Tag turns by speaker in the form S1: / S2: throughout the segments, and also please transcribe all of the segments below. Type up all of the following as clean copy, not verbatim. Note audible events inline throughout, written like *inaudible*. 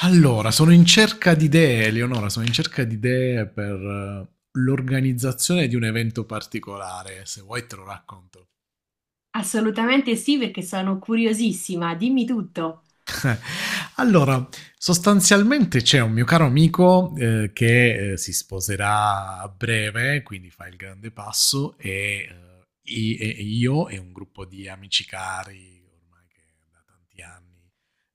S1: Allora, sono in cerca di idee, Eleonora, sono in cerca di idee per l'organizzazione di un evento particolare, se vuoi te lo racconto.
S2: Assolutamente sì, perché sono curiosissima, dimmi tutto.
S1: Allora, sostanzialmente c'è un mio caro amico che si sposerà a breve, quindi fa il grande passo, e, eh, e io e un gruppo di amici cari, ormai che da tanti anni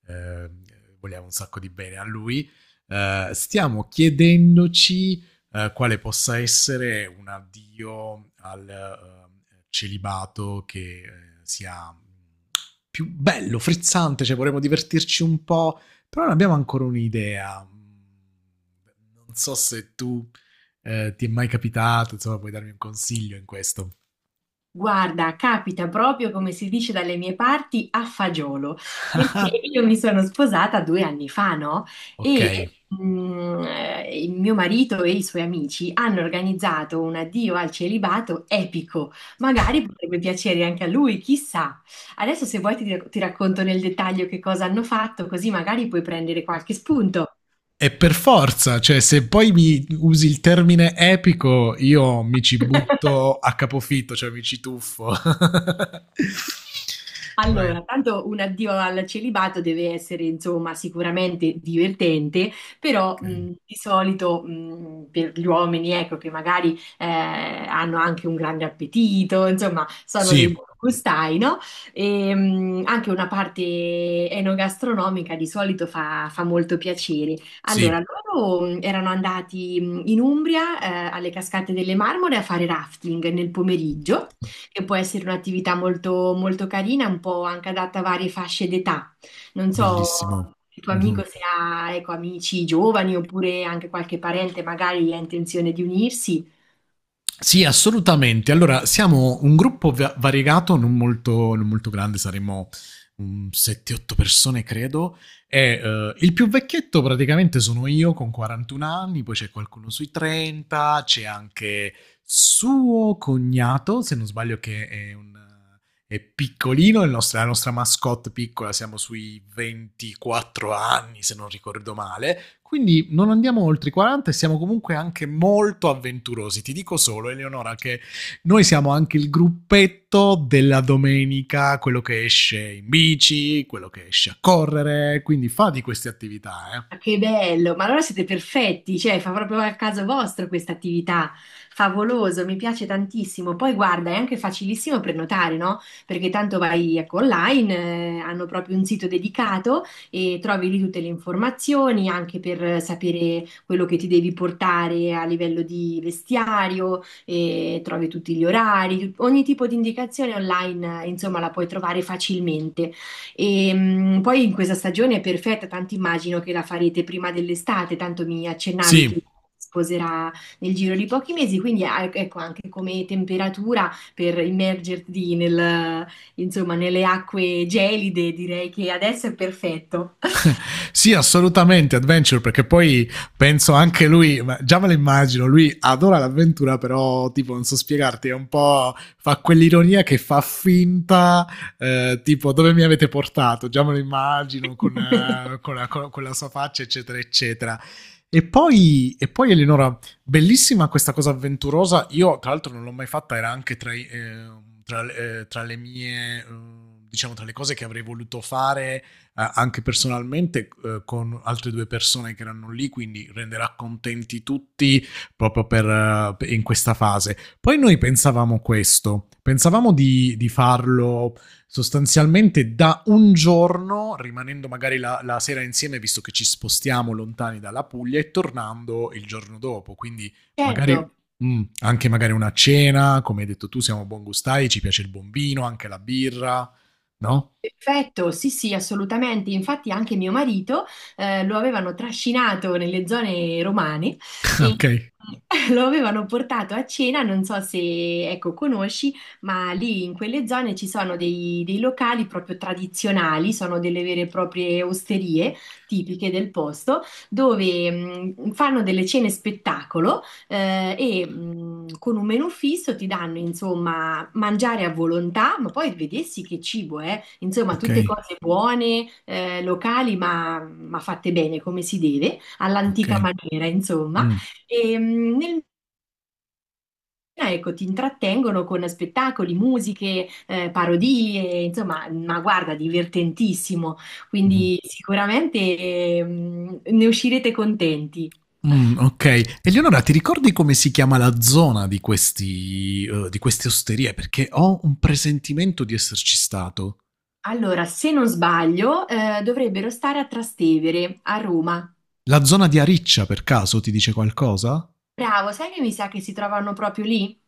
S1: eh, vogliamo un sacco di bene a lui. Stiamo chiedendoci quale possa essere un addio al celibato che sia più bello, frizzante, cioè vorremmo divertirci un po', però non abbiamo ancora un'idea. Non so se tu ti è mai capitato, insomma puoi darmi un consiglio in questo.
S2: Guarda, capita proprio come si dice dalle mie parti a fagiolo, perché io
S1: *laughs*
S2: mi sono sposata 2 anni fa, no?
S1: Ok,
S2: E il mio marito e i suoi amici hanno organizzato un addio al celibato epico. Magari potrebbe piacere anche a lui, chissà. Adesso se vuoi ti racconto nel dettaglio che cosa hanno fatto, così magari puoi prendere qualche spunto.
S1: e per forza, cioè se poi mi usi il termine epico, io mi ci
S2: *laughs*
S1: butto a capofitto, cioè mi ci tuffo. *laughs* Vai.
S2: Allora, tanto un addio al celibato deve essere, insomma, sicuramente divertente, però
S1: Okay.
S2: di solito per gli uomini, ecco, che magari hanno anche un grande appetito, insomma, sono dei
S1: Sì,
S2: buoni gustai, no? E, anche una parte enogastronomica di solito fa, fa molto piacere.
S1: sì,
S2: Allora, loro erano andati in Umbria, alle Cascate delle Marmore a fare rafting nel pomeriggio che può essere un'attività molto, molto carina, un po' anche adatta a varie fasce d'età. Non so
S1: bellissimo.
S2: il tuo
S1: Mm-hmm.
S2: amico se ha, ecco, amici giovani oppure anche qualche parente magari ha intenzione di unirsi.
S1: Sì, assolutamente. Allora, siamo un gruppo variegato, non molto grande, saremmo un 7-8 persone, credo. E, il più vecchietto praticamente sono io con 41 anni, poi c'è qualcuno sui 30, c'è anche suo cognato, se non sbaglio, che è piccolino, la nostra mascotte piccola, siamo sui 24 anni, se non ricordo male. Quindi non andiamo oltre i 40 e siamo comunque anche molto avventurosi. Ti dico solo, Eleonora, che noi siamo anche il gruppetto della domenica, quello che esce in bici, quello che esce a correre, quindi fa di queste attività, eh.
S2: Ma che bello, ma allora siete perfetti, cioè fa proprio al caso vostro questa attività, favoloso, mi piace tantissimo. Poi guarda, è anche facilissimo prenotare, no? Perché tanto vai ecco, online, hanno proprio un sito dedicato e trovi lì tutte le informazioni anche per sapere quello che ti devi portare a livello di vestiario, e trovi tutti gli orari, ogni tipo di indicazione online, insomma, la puoi trovare facilmente. E poi in questa stagione è perfetta, tanto immagino che la farete prima dell'estate, tanto mi accennavi che
S1: Sì,
S2: si sposerà nel giro di pochi mesi, quindi ecco anche come temperatura per immergerti nel, insomma, nelle acque gelide, direi che adesso è perfetto.
S1: sì, assolutamente adventure, perché poi penso anche lui, già me lo immagino, lui adora l'avventura, però tipo non so spiegarti, è un po' fa quell'ironia che fa finta, tipo dove mi avete portato, già me lo immagino con,
S2: *laughs*
S1: la sua faccia, eccetera, eccetera. E poi, Eleonora, bellissima questa cosa avventurosa. Io, tra l'altro, non l'ho mai fatta, era anche tra le mie. Diciamo tra le cose che avrei voluto fare anche personalmente con altre due persone che erano lì, quindi renderà contenti tutti proprio in questa fase. Poi noi pensavamo questo, pensavamo di farlo sostanzialmente da un giorno, rimanendo magari la sera insieme, visto che ci spostiamo lontani dalla Puglia, e tornando il giorno dopo, quindi
S2: Certo.
S1: magari, anche magari una cena, come hai detto tu, siamo buongustai, ci piace il bombino, anche la birra, no?
S2: Perfetto, sì, sì, assolutamente. Infatti anche mio marito lo avevano trascinato nelle zone romane e
S1: *laughs* Ok.
S2: *laughs* lo avevano portato a cena, non so se ecco, conosci, ma lì in quelle zone ci sono dei, dei locali proprio tradizionali, sono delle vere e proprie osterie tipiche del posto, dove fanno delle cene spettacolo e con un menù fisso ti danno insomma mangiare a volontà, ma poi vedessi che cibo è. Insomma,
S1: Ok.
S2: tutte cose buone, locali, ma fatte bene come si deve, all'antica
S1: Okay.
S2: maniera, insomma.
S1: Mh.
S2: E, mm, nel Ecco, ti intrattengono con spettacoli, musiche, parodie, insomma, ma guarda, divertentissimo.
S1: Mh-mh.
S2: Quindi sicuramente ne uscirete contenti.
S1: Okay. Eleonora, ti ricordi come si chiama la zona di questi di queste osterie? Perché ho un presentimento di esserci stato.
S2: Allora, se non sbaglio, dovrebbero stare a Trastevere, a Roma.
S1: La zona di Ariccia, per caso, ti dice qualcosa?
S2: Bravo, sai che mi sa che si trovano proprio lì?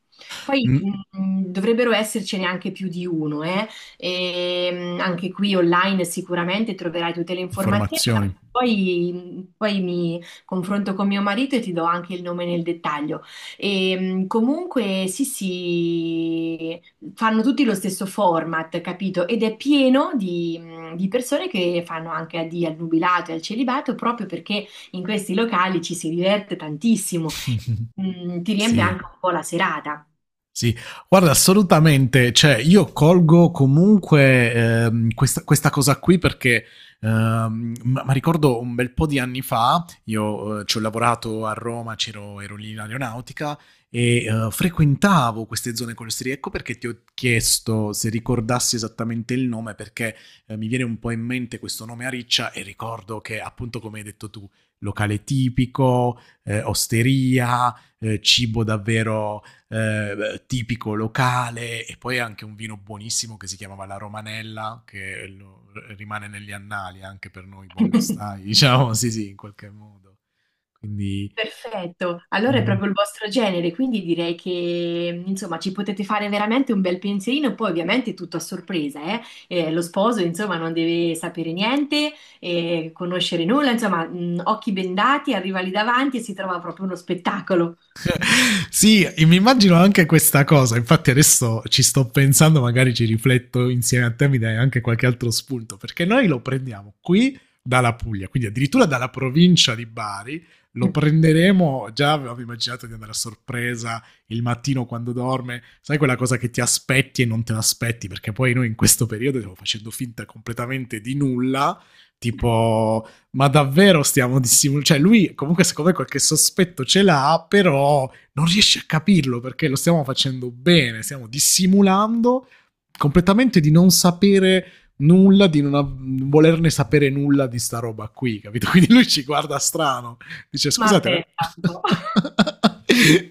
S2: Poi
S1: Mh,
S2: dovrebbero essercene anche più di uno, eh? E, anche qui online sicuramente troverai tutte le informazioni, ma
S1: informazioni.
S2: poi, poi mi confronto con mio marito e ti do anche il nome nel dettaglio. E, comunque sì, sì, fanno tutti lo stesso format, capito? Ed è pieno di persone che fanno anche di al nubilato e al celibato proprio perché in questi locali ci si diverte tantissimo.
S1: *laughs*
S2: Mm, ti riempie
S1: Sì.
S2: anche un po' la serata.
S1: Sì, guarda, assolutamente, cioè io colgo comunque questa cosa qui perché ma ricordo un bel po' di anni fa, io ci ho lavorato a Roma, c'ero, ero lì in aeronautica e frequentavo queste zone costiere, ecco perché ti ho chiesto se ricordassi esattamente il nome perché mi viene un po' in mente questo nome a riccia e ricordo che appunto come hai detto tu, locale tipico, osteria, cibo davvero tipico locale e poi anche un vino buonissimo che si chiamava la Romanella, che rimane negli annali anche per noi buongustai, *laughs* diciamo, sì sì, in qualche modo. Quindi
S2: Perfetto, allora è proprio il vostro genere, quindi direi che insomma ci potete fare veramente un bel pensierino, poi ovviamente tutto a sorpresa, eh? Lo sposo insomma non deve sapere niente, conoscere nulla, insomma occhi bendati, arriva lì davanti e si trova proprio uno spettacolo.
S1: *laughs* sì, mi immagino anche questa cosa. Infatti, adesso ci sto pensando, magari ci rifletto insieme a te, mi dai anche qualche altro spunto. Perché noi lo prendiamo qui dalla Puglia, quindi addirittura dalla provincia di Bari. Lo
S2: *laughs*
S1: prenderemo. Già avevo immaginato di andare a sorpresa il mattino quando dorme. Sai quella cosa che ti aspetti e non te l'aspetti? Perché poi noi in questo periodo stiamo facendo finta completamente di nulla, tipo ma davvero stiamo dissimulando, cioè lui comunque secondo me qualche sospetto ce l'ha, però non riesci a capirlo perché lo stiamo facendo bene, stiamo dissimulando completamente di non sapere nulla, di non volerne sapere nulla di sta roba qui, capito? *laughs* Quindi lui ci guarda strano, dice
S2: Ma
S1: scusate,
S2: aspetta un po'.
S1: *laughs*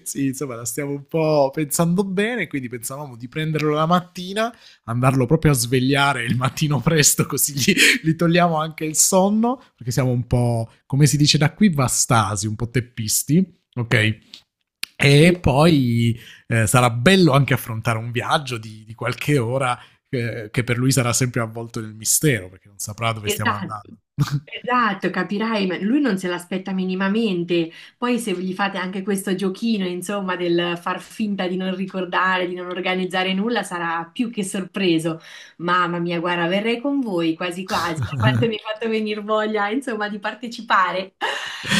S1: sì, insomma, la stiamo un po' pensando bene, quindi pensavamo di prenderlo la mattina, andarlo proprio a svegliare il mattino presto, così gli togliamo anche il sonno, perché siamo un po', come si dice da qui, vastasi, un po' teppisti, ok? E
S2: *laughs*
S1: poi sarà bello anche affrontare un viaggio di qualche ora che per lui sarà sempre avvolto nel mistero, perché non saprà dove stiamo
S2: Esatto,
S1: andando.
S2: esatto, capirai, ma lui non se l'aspetta minimamente. Poi se gli fate anche questo giochino, insomma, del far finta di non ricordare, di non organizzare nulla, sarà più che sorpreso. Mamma mia, guarda, verrei con voi quasi quasi, da quanto
S1: *laughs*
S2: mi hai fatto venire voglia, insomma, di partecipare.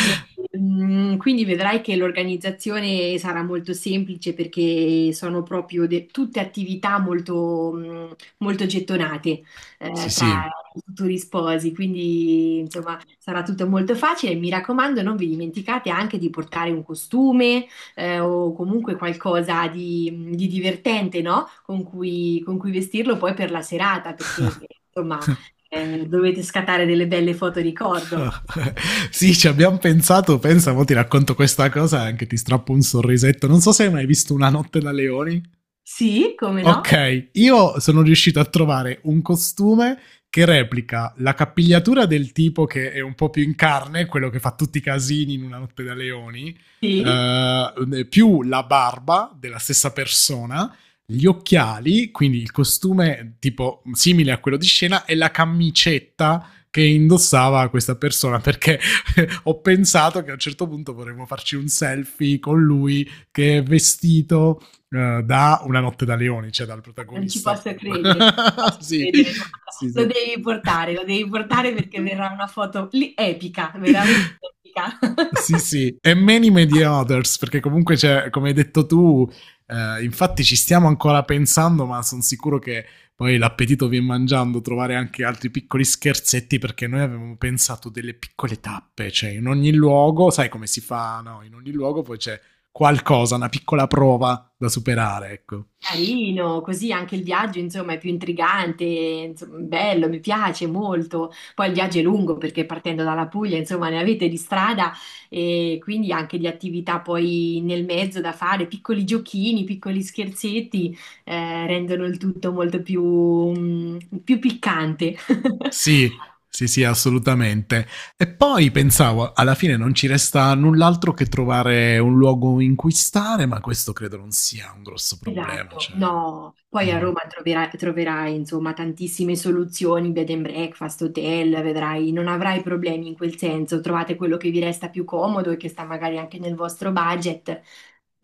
S2: E, quindi vedrai che l'organizzazione sarà molto semplice perché sono proprio tutte attività molto, molto gettonate
S1: Sì,
S2: tra
S1: sì.
S2: i futuri sposi, quindi insomma sarà tutto molto facile. Mi raccomando, non vi dimenticate anche di portare un costume o comunque qualcosa di divertente, no? Con cui vestirlo poi per la serata, perché insomma dovete scattare delle belle foto ricordo.
S1: *laughs* Sì, ci abbiamo pensato. Pensa, mo ti racconto questa cosa e anche ti strappo un sorrisetto. Non so se hai mai visto Una notte da leoni.
S2: Sì, come no?
S1: Ok, io sono riuscito a trovare un costume che replica la capigliatura del tipo che è un po' più in carne, quello che fa tutti i casini in una notte da leoni,
S2: Sì,
S1: più la barba della stessa persona, gli occhiali, quindi il costume tipo simile a quello di scena, e la camicetta che indossava questa persona perché *laughs* ho pensato che a un certo punto vorremmo farci un selfie con lui che è vestito da Una notte da leoni, cioè dal
S2: non ci
S1: protagonista
S2: posso
S1: più.
S2: credere, non ci
S1: *laughs*
S2: posso
S1: Sì,
S2: credere, guarda.
S1: sì, sì.
S2: Lo devi portare perché
S1: *laughs*
S2: verrà una foto lì epica, veramente epica. *laughs*
S1: Sì, sì, e many, many others, perché comunque, c'è, come hai detto tu, infatti ci stiamo ancora pensando, ma sono sicuro che poi l'appetito viene mangiando, trovare anche altri piccoli scherzetti, perché noi avevamo pensato delle piccole tappe, cioè in ogni luogo, sai come si fa, no? In ogni luogo poi c'è qualcosa, una piccola prova da superare, ecco.
S2: Carino, così anche il viaggio, insomma, è più intrigante, insomma, bello, mi piace molto. Poi il viaggio è lungo perché partendo dalla Puglia, insomma, ne avete di strada e quindi anche di attività poi nel mezzo da fare, piccoli giochini, piccoli scherzetti, rendono il tutto molto più piccante. *laughs*
S1: Sì, sì, sì, assolutamente. E poi pensavo, alla fine non ci resta null'altro che trovare un luogo in cui stare, ma questo credo non sia un grosso problema.
S2: Esatto,
S1: Cioè.
S2: no, poi a
S1: mm.
S2: Roma troverai, troverai insomma tantissime soluzioni, bed and breakfast, hotel, vedrai, non avrai problemi in quel senso, trovate quello che vi resta più comodo e che sta magari anche nel vostro budget,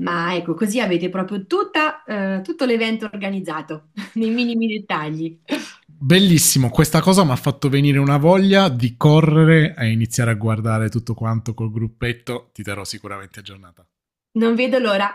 S2: ma ecco, così avete proprio tutta, tutto l'evento organizzato, *laughs* nei minimi dettagli.
S1: Bellissimo, questa cosa mi ha fatto venire una voglia di correre e iniziare a guardare tutto quanto col gruppetto. Ti darò sicuramente aggiornata.
S2: Non vedo l'ora.